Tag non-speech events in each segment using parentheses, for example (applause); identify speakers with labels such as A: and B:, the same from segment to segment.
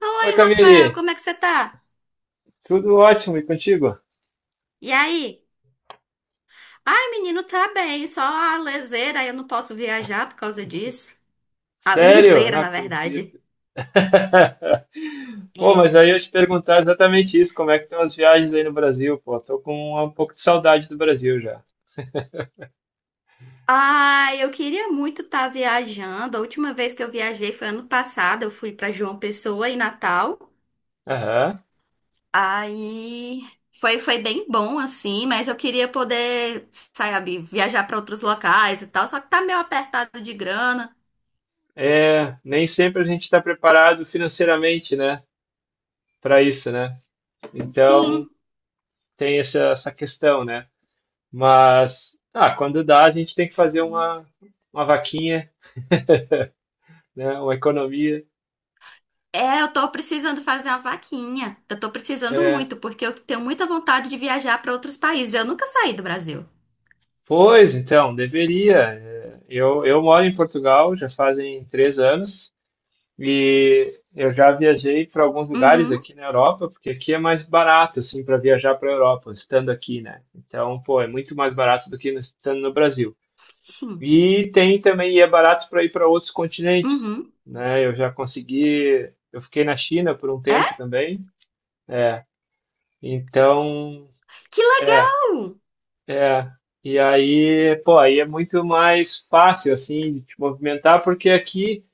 A: Oi,
B: Oi,
A: Rafael,
B: Camille,
A: como é que você tá?
B: tudo ótimo e contigo?
A: E aí? Ai, menino, tá bem, só a leseira, eu não posso viajar por causa disso. A
B: Sério? Eu
A: liseira,
B: não
A: na verdade.
B: acredito. (laughs) Pô, mas
A: É.
B: aí eu ia te perguntar exatamente isso, como é que estão as viagens aí no Brasil? Pô, tô com um pouco de saudade do Brasil já.
A: Ai, eu queria muito estar viajando. A última vez que eu viajei foi ano passado, eu fui pra João Pessoa em Natal.
B: Aham.
A: Aí foi bem bom, assim, mas eu queria poder, sabe, viajar pra outros locais e tal, só que tá meio apertado de grana.
B: É, nem sempre a gente está preparado financeiramente, né, para isso, né? Então
A: Sim.
B: tem essa questão, né? Mas quando dá, a gente tem que fazer uma vaquinha, né, uma economia.
A: É, eu tô precisando fazer uma vaquinha. Eu tô precisando
B: É,
A: muito, porque eu tenho muita vontade de viajar para outros países. Eu nunca saí do Brasil.
B: pois, então, deveria. É. Eu moro em Portugal já fazem 3 anos e eu já viajei para alguns lugares
A: Uhum,
B: aqui na Europa, porque aqui é mais barato, assim, para viajar para a Europa, estando aqui, né? Então, pô, é muito mais barato do que no- estando no Brasil.
A: sim.
B: E tem também, e é barato para ir para outros continentes,
A: Uhum.
B: né? Eu já consegui, eu fiquei na China por um
A: É?
B: tempo também, é. Então,
A: Que
B: é
A: legal!
B: É, e aí, pô, aí é muito mais fácil, assim, de te movimentar, porque aqui,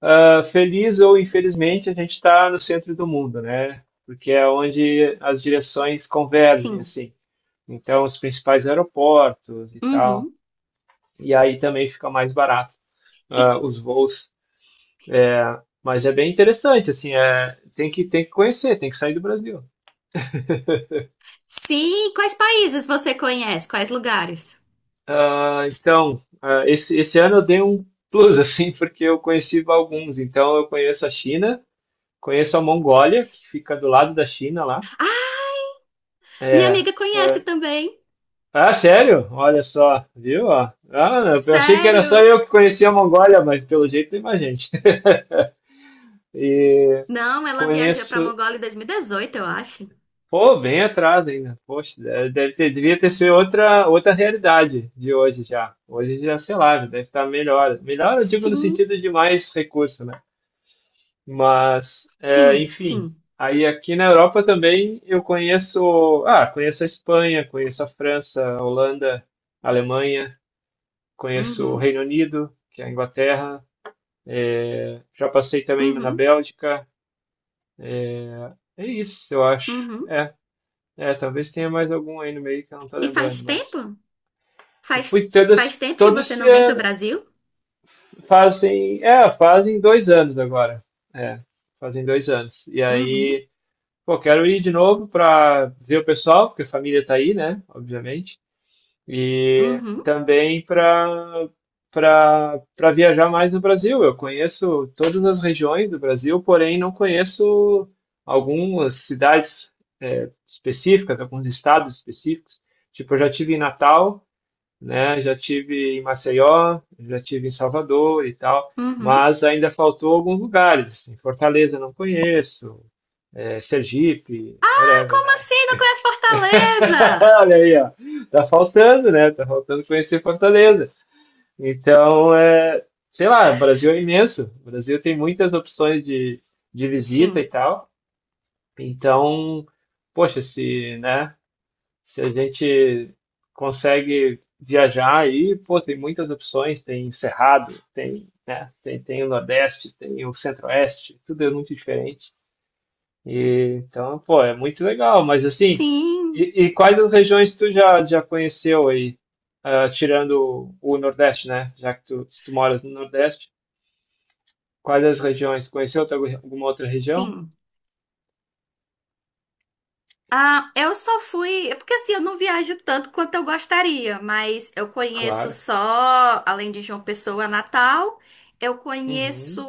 B: feliz ou infelizmente, a gente está no centro do mundo, né? Porque é onde as direções convergem,
A: Sim.
B: assim. Então, os principais aeroportos e tal.
A: Uhum.
B: E aí também fica mais barato,
A: E
B: os voos. É, mas é bem interessante, assim, tem que conhecer, tem que sair do Brasil.
A: Sim, quais países você conhece? Quais lugares?
B: Ah, então, esse ano eu dei um plus, (laughs) assim, porque eu conheci alguns. Então, eu conheço a China, conheço a Mongólia, que fica do lado da China lá.
A: Minha
B: É.
A: amiga conhece também.
B: Ah, sério? Olha só, viu? Ó? Ah, eu achei que era
A: Sério?
B: só eu que conhecia a Mongólia, mas pelo jeito tem mais gente. (laughs) E
A: Não, ela viajou pra
B: conheço.
A: Mongólia em 2018, eu acho.
B: Pô, bem atrás ainda. Poxa, deve ter, devia ter sido outra realidade de hoje já. Hoje já, sei lá, já deve estar melhor. Melhor eu digo no
A: Sim.
B: sentido de mais recurso, né? Mas,
A: Sim,
B: enfim,
A: sim.
B: aí aqui na Europa também eu conheço, conheço a Espanha, conheço a França, a Holanda, a Alemanha, conheço o
A: Uhum.
B: Reino Unido, que é a Inglaterra, já passei também na
A: Uhum.
B: Bélgica, é isso, eu acho.
A: Uhum.
B: É, talvez tenha mais algum aí no meio que eu não tô
A: E faz
B: lembrando,
A: tempo?
B: mas eu
A: Faz,
B: fui todas,
A: Faz tempo que
B: todo
A: você
B: esse
A: não vem pro
B: ano,
A: Brasil?
B: fazem 2 anos agora, é, fazem dois anos. E
A: Uhum,
B: aí, pô, quero ir de novo para ver o pessoal, porque a família tá aí, né? Obviamente. E
A: uhum,
B: também para viajar mais no Brasil. Eu conheço todas as regiões do Brasil, porém não conheço algumas cidades específicas, alguns estados específicos. Tipo, eu já tive em Natal, né? Já tive em Maceió, já tive em Salvador e tal,
A: uhum.
B: mas ainda faltou alguns lugares. Em Fortaleza eu não conheço, Sergipe,
A: Ai,
B: whatever,
A: como
B: né?
A: assim? Não conhece
B: (laughs)
A: Fortaleza?
B: Olha aí, ó. Tá faltando, né? Tá faltando conhecer Fortaleza. Então, é, sei lá, o Brasil é imenso. O Brasil tem muitas opções de visita e
A: Sim,
B: tal. Então, poxa, se, né, se a gente consegue viajar aí, pô, tem muitas opções, tem Cerrado, tem, né, tem o Nordeste, tem o Centro-Oeste, tudo é muito diferente. E, então, pô, é muito legal, mas assim,
A: sim,
B: e quais as regiões tu já conheceu aí, tirando o Nordeste, né? Já que tu, se tu moras no Nordeste, quais as regiões? Conheceu outra- alguma outra região?
A: sim. Ah, eu só fui. É Porque assim, eu não viajo tanto quanto eu gostaria, mas eu conheço
B: Claro.
A: só, além de João Pessoa, Natal, eu conheço
B: Uhum.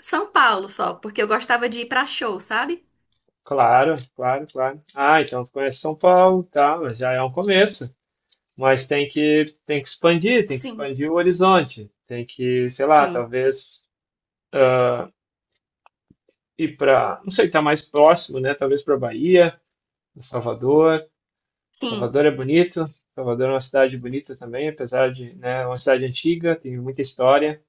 A: São Paulo só, porque eu gostava de ir pra show, sabe?
B: Claro, claro, claro. Ah, então tu conhece São Paulo, tá, mas já é um começo. Mas tem que expandir, tem que
A: Sim,
B: expandir o horizonte, tem que, sei lá,
A: sim,
B: talvez ah, ir para, não sei, tá mais próximo, né? Talvez para Bahia do Salvador.
A: sim.
B: Salvador é bonito. Salvador é uma cidade bonita também, apesar de, né, é uma cidade antiga, tem muita história.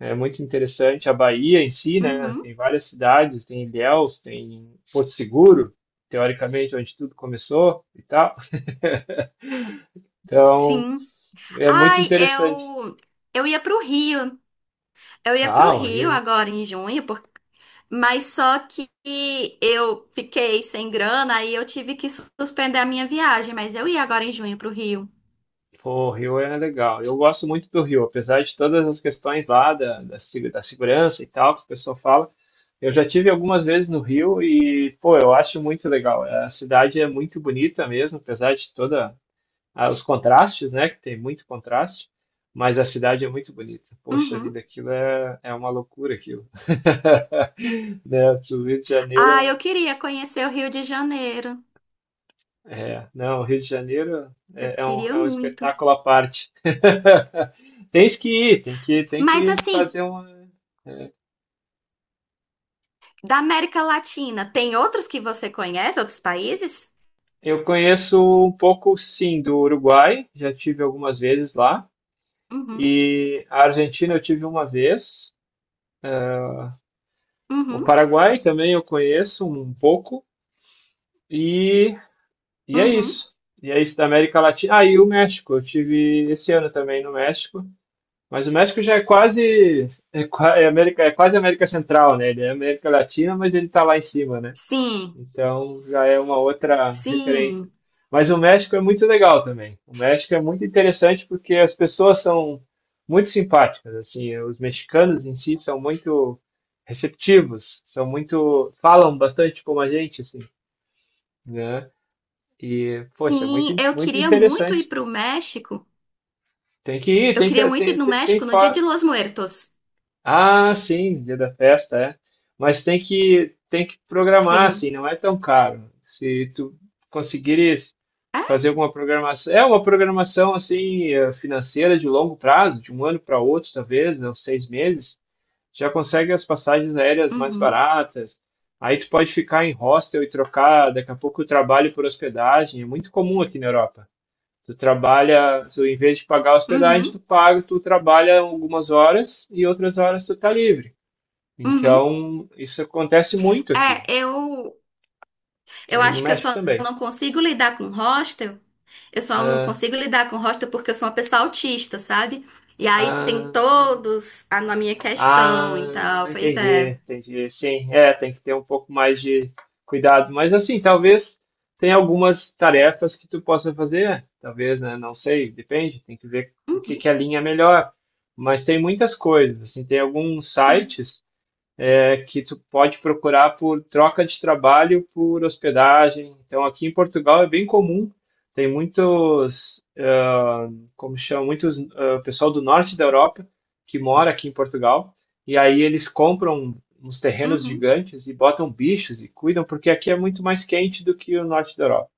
B: É muito interessante a Bahia em si, né?
A: Uhum,
B: Tem várias cidades, tem Ilhéus, tem Porto Seguro, teoricamente onde tudo começou e tal. (laughs) Então,
A: sim.
B: é muito
A: Ai,
B: interessante.
A: eu. Eu ia pro Rio, Eu ia pro
B: Ah, o
A: Rio
B: Rio.
A: agora em junho, por- mas só que eu fiquei sem grana aí eu tive que suspender a minha viagem, mas eu ia agora em junho pro Rio.
B: Pô, o Rio é legal. Eu gosto muito do Rio, apesar de todas as questões lá da, da, se- da segurança e tal, que o pessoal fala. Eu já tive algumas vezes no Rio e, pô, eu acho muito legal. A cidade é muito bonita mesmo, apesar de toda os contrastes, né? Que tem muito contraste, mas a cidade é muito bonita. Poxa
A: Uhum.
B: vida, aquilo é, é uma loucura, aquilo. (laughs) Né? O Rio de Janeiro
A: Ah,
B: é.
A: eu queria conhecer o Rio de Janeiro.
B: É, não, o Rio de Janeiro
A: Eu
B: é, é um,
A: queria
B: é um
A: muito.
B: espetáculo à parte. (laughs) Tens que ir, tem que, tem
A: Mas
B: que
A: assim,
B: fazer uma.
A: da América Latina, tem outros que você conhece, outros países?
B: Eu conheço um pouco, sim, do Uruguai, já tive algumas vezes lá,
A: Uhum,
B: e a Argentina eu tive uma vez, o
A: uhum,
B: Paraguai também eu conheço um pouco, e, e é
A: uhum.
B: isso. E é isso da América Latina. Ah, e o México, eu tive esse ano também no México. Mas o México já é quase, é, é América, é quase América Central, né? Ele é América Latina, mas ele está lá em cima, né?
A: Sim,
B: Então já é uma outra referência.
A: sim,
B: Mas o México é muito legal também. O México é muito interessante porque as pessoas são muito simpáticas, assim, os mexicanos em si são muito receptivos, são muito, falam bastante como a gente, assim, né? E, poxa, é muito,
A: sim. Eu
B: muito
A: queria muito ir
B: interessante.
A: pro México.
B: Tem que ir,
A: Eu
B: tem
A: queria
B: que,
A: muito ir
B: tem,
A: no
B: tem, tem,
A: México no dia de Los Muertos.
B: Ah, sim, dia da festa, é. Mas tem que programar assim,
A: Sim. É?
B: não é tão caro. Se tu conseguires fazer alguma programação, é uma programação assim financeira de longo prazo, de um ano para outro, talvez, né, uns 6 meses, já consegue as passagens aéreas mais
A: Uhum,
B: baratas. Aí tu pode ficar em hostel e trocar daqui a pouco o trabalho por hospedagem. É muito comum aqui na Europa. Tu trabalha, tu, em vez de pagar hospedagem, tu
A: uhum,
B: paga, tu trabalha algumas horas e outras horas tu tá livre.
A: uhum.
B: Então, isso acontece muito aqui.
A: É, eu
B: E no
A: acho que eu
B: México
A: só
B: também.
A: não consigo lidar com hostel. Eu só não
B: Ah,
A: consigo lidar com hostel porque eu sou uma pessoa autista, sabe? E aí tem
B: ah,
A: todos a, na minha
B: ah,
A: questão e tal. Pois
B: Entendi,
A: é.
B: entendi. Sim, é, tem que ter um pouco mais de cuidado. Mas assim, talvez tem algumas tarefas que tu possa fazer, talvez, né? Não sei, depende, tem que ver o que
A: Uhum,
B: que alinha melhor. Mas tem muitas coisas, assim, tem alguns
A: sim.
B: sites que tu pode procurar por troca de trabalho por hospedagem. Então, aqui em Portugal é bem comum, tem muitos, como chama, muitos pessoal do norte da Europa que mora aqui em Portugal, e aí eles compram uns terrenos
A: Uhum,
B: gigantes e botam bichos e cuidam, porque aqui é muito mais quente do que o norte da Europa.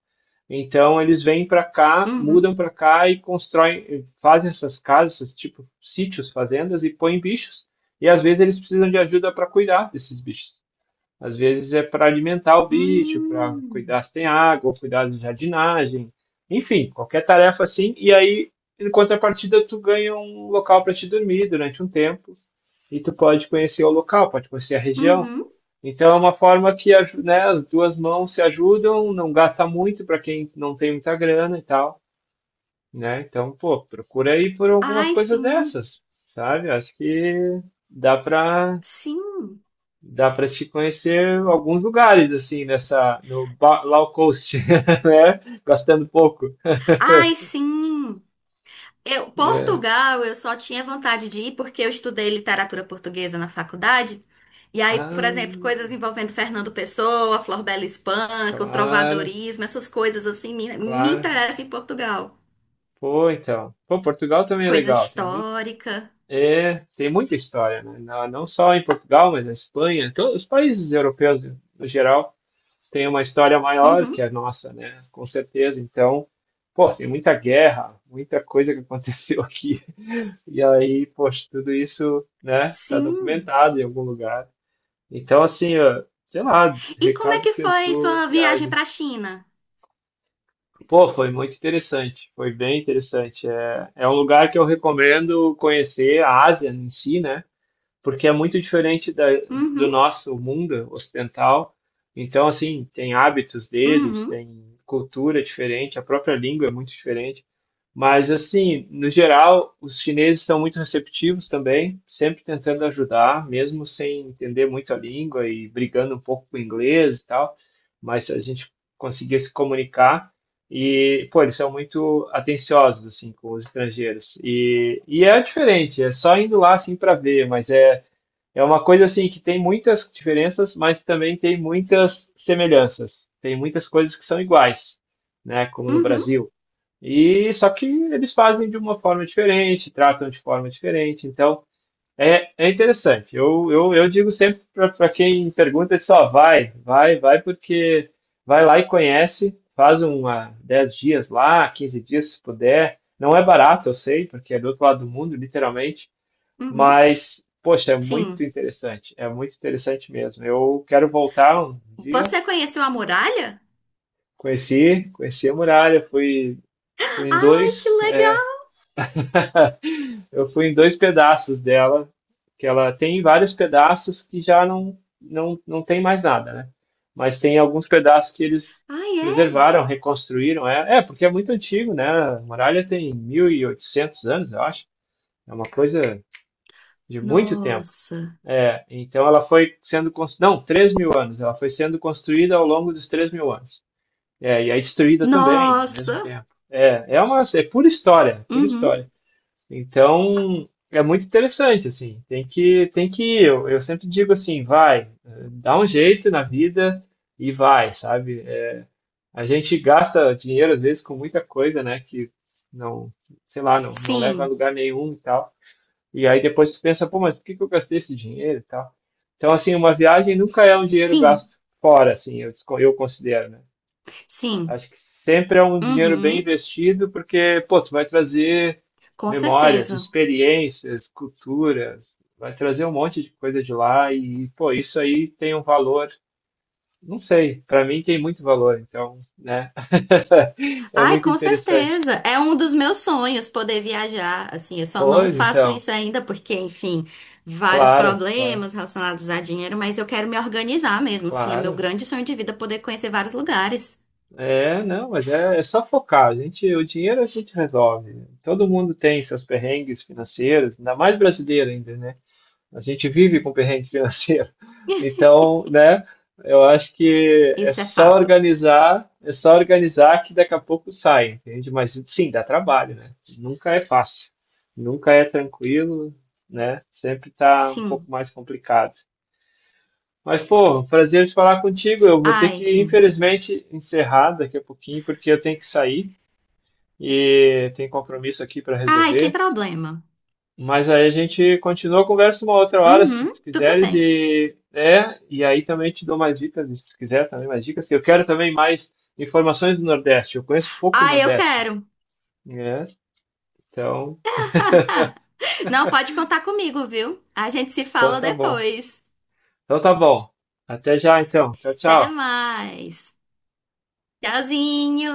B: Então eles vêm para cá, mudam
A: uhum.
B: para cá e constroem, fazem essas casas, esses tipo sítios, fazendas e põem bichos. E às vezes eles precisam de ajuda para cuidar desses bichos. Às vezes é para alimentar o bicho, para
A: Hum,
B: cuidar se tem água, cuidar de jardinagem, enfim, qualquer tarefa assim. E aí, em contrapartida, tu ganha um local para te dormir durante um tempo e tu pode conhecer o local, pode conhecer a região.
A: uhum.
B: Então é uma forma que, aju- né, as duas mãos se ajudam, não gasta muito para quem não tem muita grana e tal, né? Então, pô, procura aí por algumas
A: Ai,
B: coisas
A: sim.
B: dessas, sabe? Acho que dá para
A: Sim.
B: dá para te conhecer alguns lugares assim nessa no ba- low cost, (laughs) né? Gastando pouco.
A: Ai, sim. Eu,
B: É.
A: Portugal, eu só tinha vontade de ir porque eu estudei literatura portuguesa na faculdade. E aí,
B: Ah,
A: por exemplo, coisas envolvendo Fernando Pessoa, Flor Bela Espanca, o
B: claro,
A: trovadorismo, essas coisas assim me
B: claro.
A: interessam em Portugal.
B: Pô, então. Pô, Portugal também é
A: Coisa
B: legal, tem muito.
A: histórica.
B: É, tem muita história, né? Não só em Portugal, mas na Espanha, todos os países europeus, no geral, têm uma história maior que
A: Uhum.
B: a nossa, né? Com certeza. Então, pô, tem muita guerra, muita coisa que aconteceu (laughs) aqui. E aí, poxa, tudo isso, né, tá
A: Sim.
B: documentado em algum lugar. Então, assim, ó, sei lá,
A: E como é
B: recado
A: que
B: que eu
A: foi
B: dou
A: sua viagem
B: viagem.
A: para a China?
B: Pô, foi muito interessante, foi bem interessante. É, é um lugar que eu recomendo conhecer, a Ásia em si, né? Porque é muito diferente da, do
A: Uhum.
B: nosso mundo ocidental. Então, assim, tem hábitos deles,
A: Uhum.
B: tem cultura diferente, a própria língua é muito diferente. Mas, assim, no geral, os chineses são muito receptivos também, sempre tentando ajudar, mesmo sem entender muito a língua e brigando um pouco com o inglês e tal. Mas a gente conseguia se comunicar. E, pô, eles são muito atenciosos, assim, com os estrangeiros. E é diferente, é só indo lá, assim, para ver, mas é é uma coisa assim que tem muitas diferenças, mas também tem muitas semelhanças. Tem muitas coisas que são iguais, né? Como no
A: Uhum.
B: Brasil. E só que eles fazem de uma forma diferente, tratam de forma diferente. Então é, é interessante. Eu digo sempre para quem pergunta, só vai, vai, vai, porque vai lá e conhece, faz uma 10 dias lá, 15 dias se puder. Não é barato, eu sei, porque é do outro lado do mundo, literalmente,
A: Uhum.
B: mas, poxa,
A: Sim.
B: é muito interessante mesmo. Eu quero voltar um dia.
A: Você conheceu a muralha?
B: Conheci a muralha, fui, fui em
A: Ai, que
B: dois, é,
A: legal!
B: (laughs) eu fui em dois pedaços dela, que ela tem vários pedaços que já não tem mais nada, né? Mas tem alguns pedaços que eles
A: Ai, é?
B: preservaram, reconstruíram. É, é, porque é muito antigo, né? A muralha tem 1.800 anos, eu acho. É uma coisa de muito tempo.
A: Nossa.
B: É, então ela foi sendo construída, não, 3.000 anos, ela foi sendo construída ao longo dos 3.000 anos. É, e é destruída também, ao mesmo
A: Nossa!
B: tempo. É, é uma, é pura história, pura
A: Uhum.
B: história. Então, é muito interessante, assim, tem que Eu sempre digo assim, vai, dá um jeito na vida e vai, sabe? É, a gente gasta dinheiro, às vezes, com muita coisa, né, que não, sei lá, não leva a
A: Sim,
B: lugar nenhum e tal. E aí depois tu pensa, pô, mas por que que eu gastei esse dinheiro e tal? Então, assim, uma viagem nunca é um dinheiro
A: sim,
B: gasto fora, assim, eu considero, né?
A: sim.
B: Acho que sempre é um dinheiro bem
A: Uhum.
B: investido, porque, pô, tu vai trazer
A: Com
B: memórias,
A: certeza.
B: experiências, culturas, vai trazer um monte de coisa de lá e, pô, isso aí tem um valor, não sei, para mim tem muito valor, então, né? (laughs) É
A: Ai,
B: muito
A: com
B: interessante.
A: certeza. É um dos meus sonhos poder viajar. Assim, eu só não
B: Pois,
A: faço
B: então,
A: isso ainda porque, enfim, vários
B: claro, claro,
A: problemas relacionados a dinheiro, mas eu quero me organizar mesmo. Assim, é meu
B: claro.
A: grande sonho de vida poder conhecer vários lugares.
B: É, não, mas é só focar. A gente, o dinheiro a gente resolve. Todo mundo tem seus perrengues financeiros, ainda mais brasileiro ainda, né? A gente vive com perrengue financeiro. (laughs) Então, né? Eu acho que
A: Isso é fato.
B: é só organizar que daqui a pouco sai, entende? Mas sim, dá trabalho, né? Nunca é fácil, nunca é tranquilo, né? Sempre tá um pouco
A: Sim.
B: mais complicado. Mas, pô, prazer em falar contigo. Eu vou ter
A: Ai,
B: que,
A: sim.
B: infelizmente, encerrar daqui a pouquinho, porque eu tenho que sair e tem compromisso aqui para
A: Ai, sem
B: resolver.
A: problema.
B: Mas aí a gente continua a conversa uma outra hora, se
A: Uhum,
B: tu
A: tudo
B: quiseres,
A: bem.
B: e aí também te dou mais dicas, se tu quiser também mais dicas, que eu quero também mais informações do Nordeste. Eu conheço pouco o
A: Ai, eu
B: Nordeste,
A: quero.
B: né? Então,
A: Não, pode contar comigo, viu? A gente se
B: então
A: fala
B: tá bom.
A: depois.
B: Então tá bom. Até já, então. Tchau,
A: Até
B: tchau.
A: mais. Tchauzinho.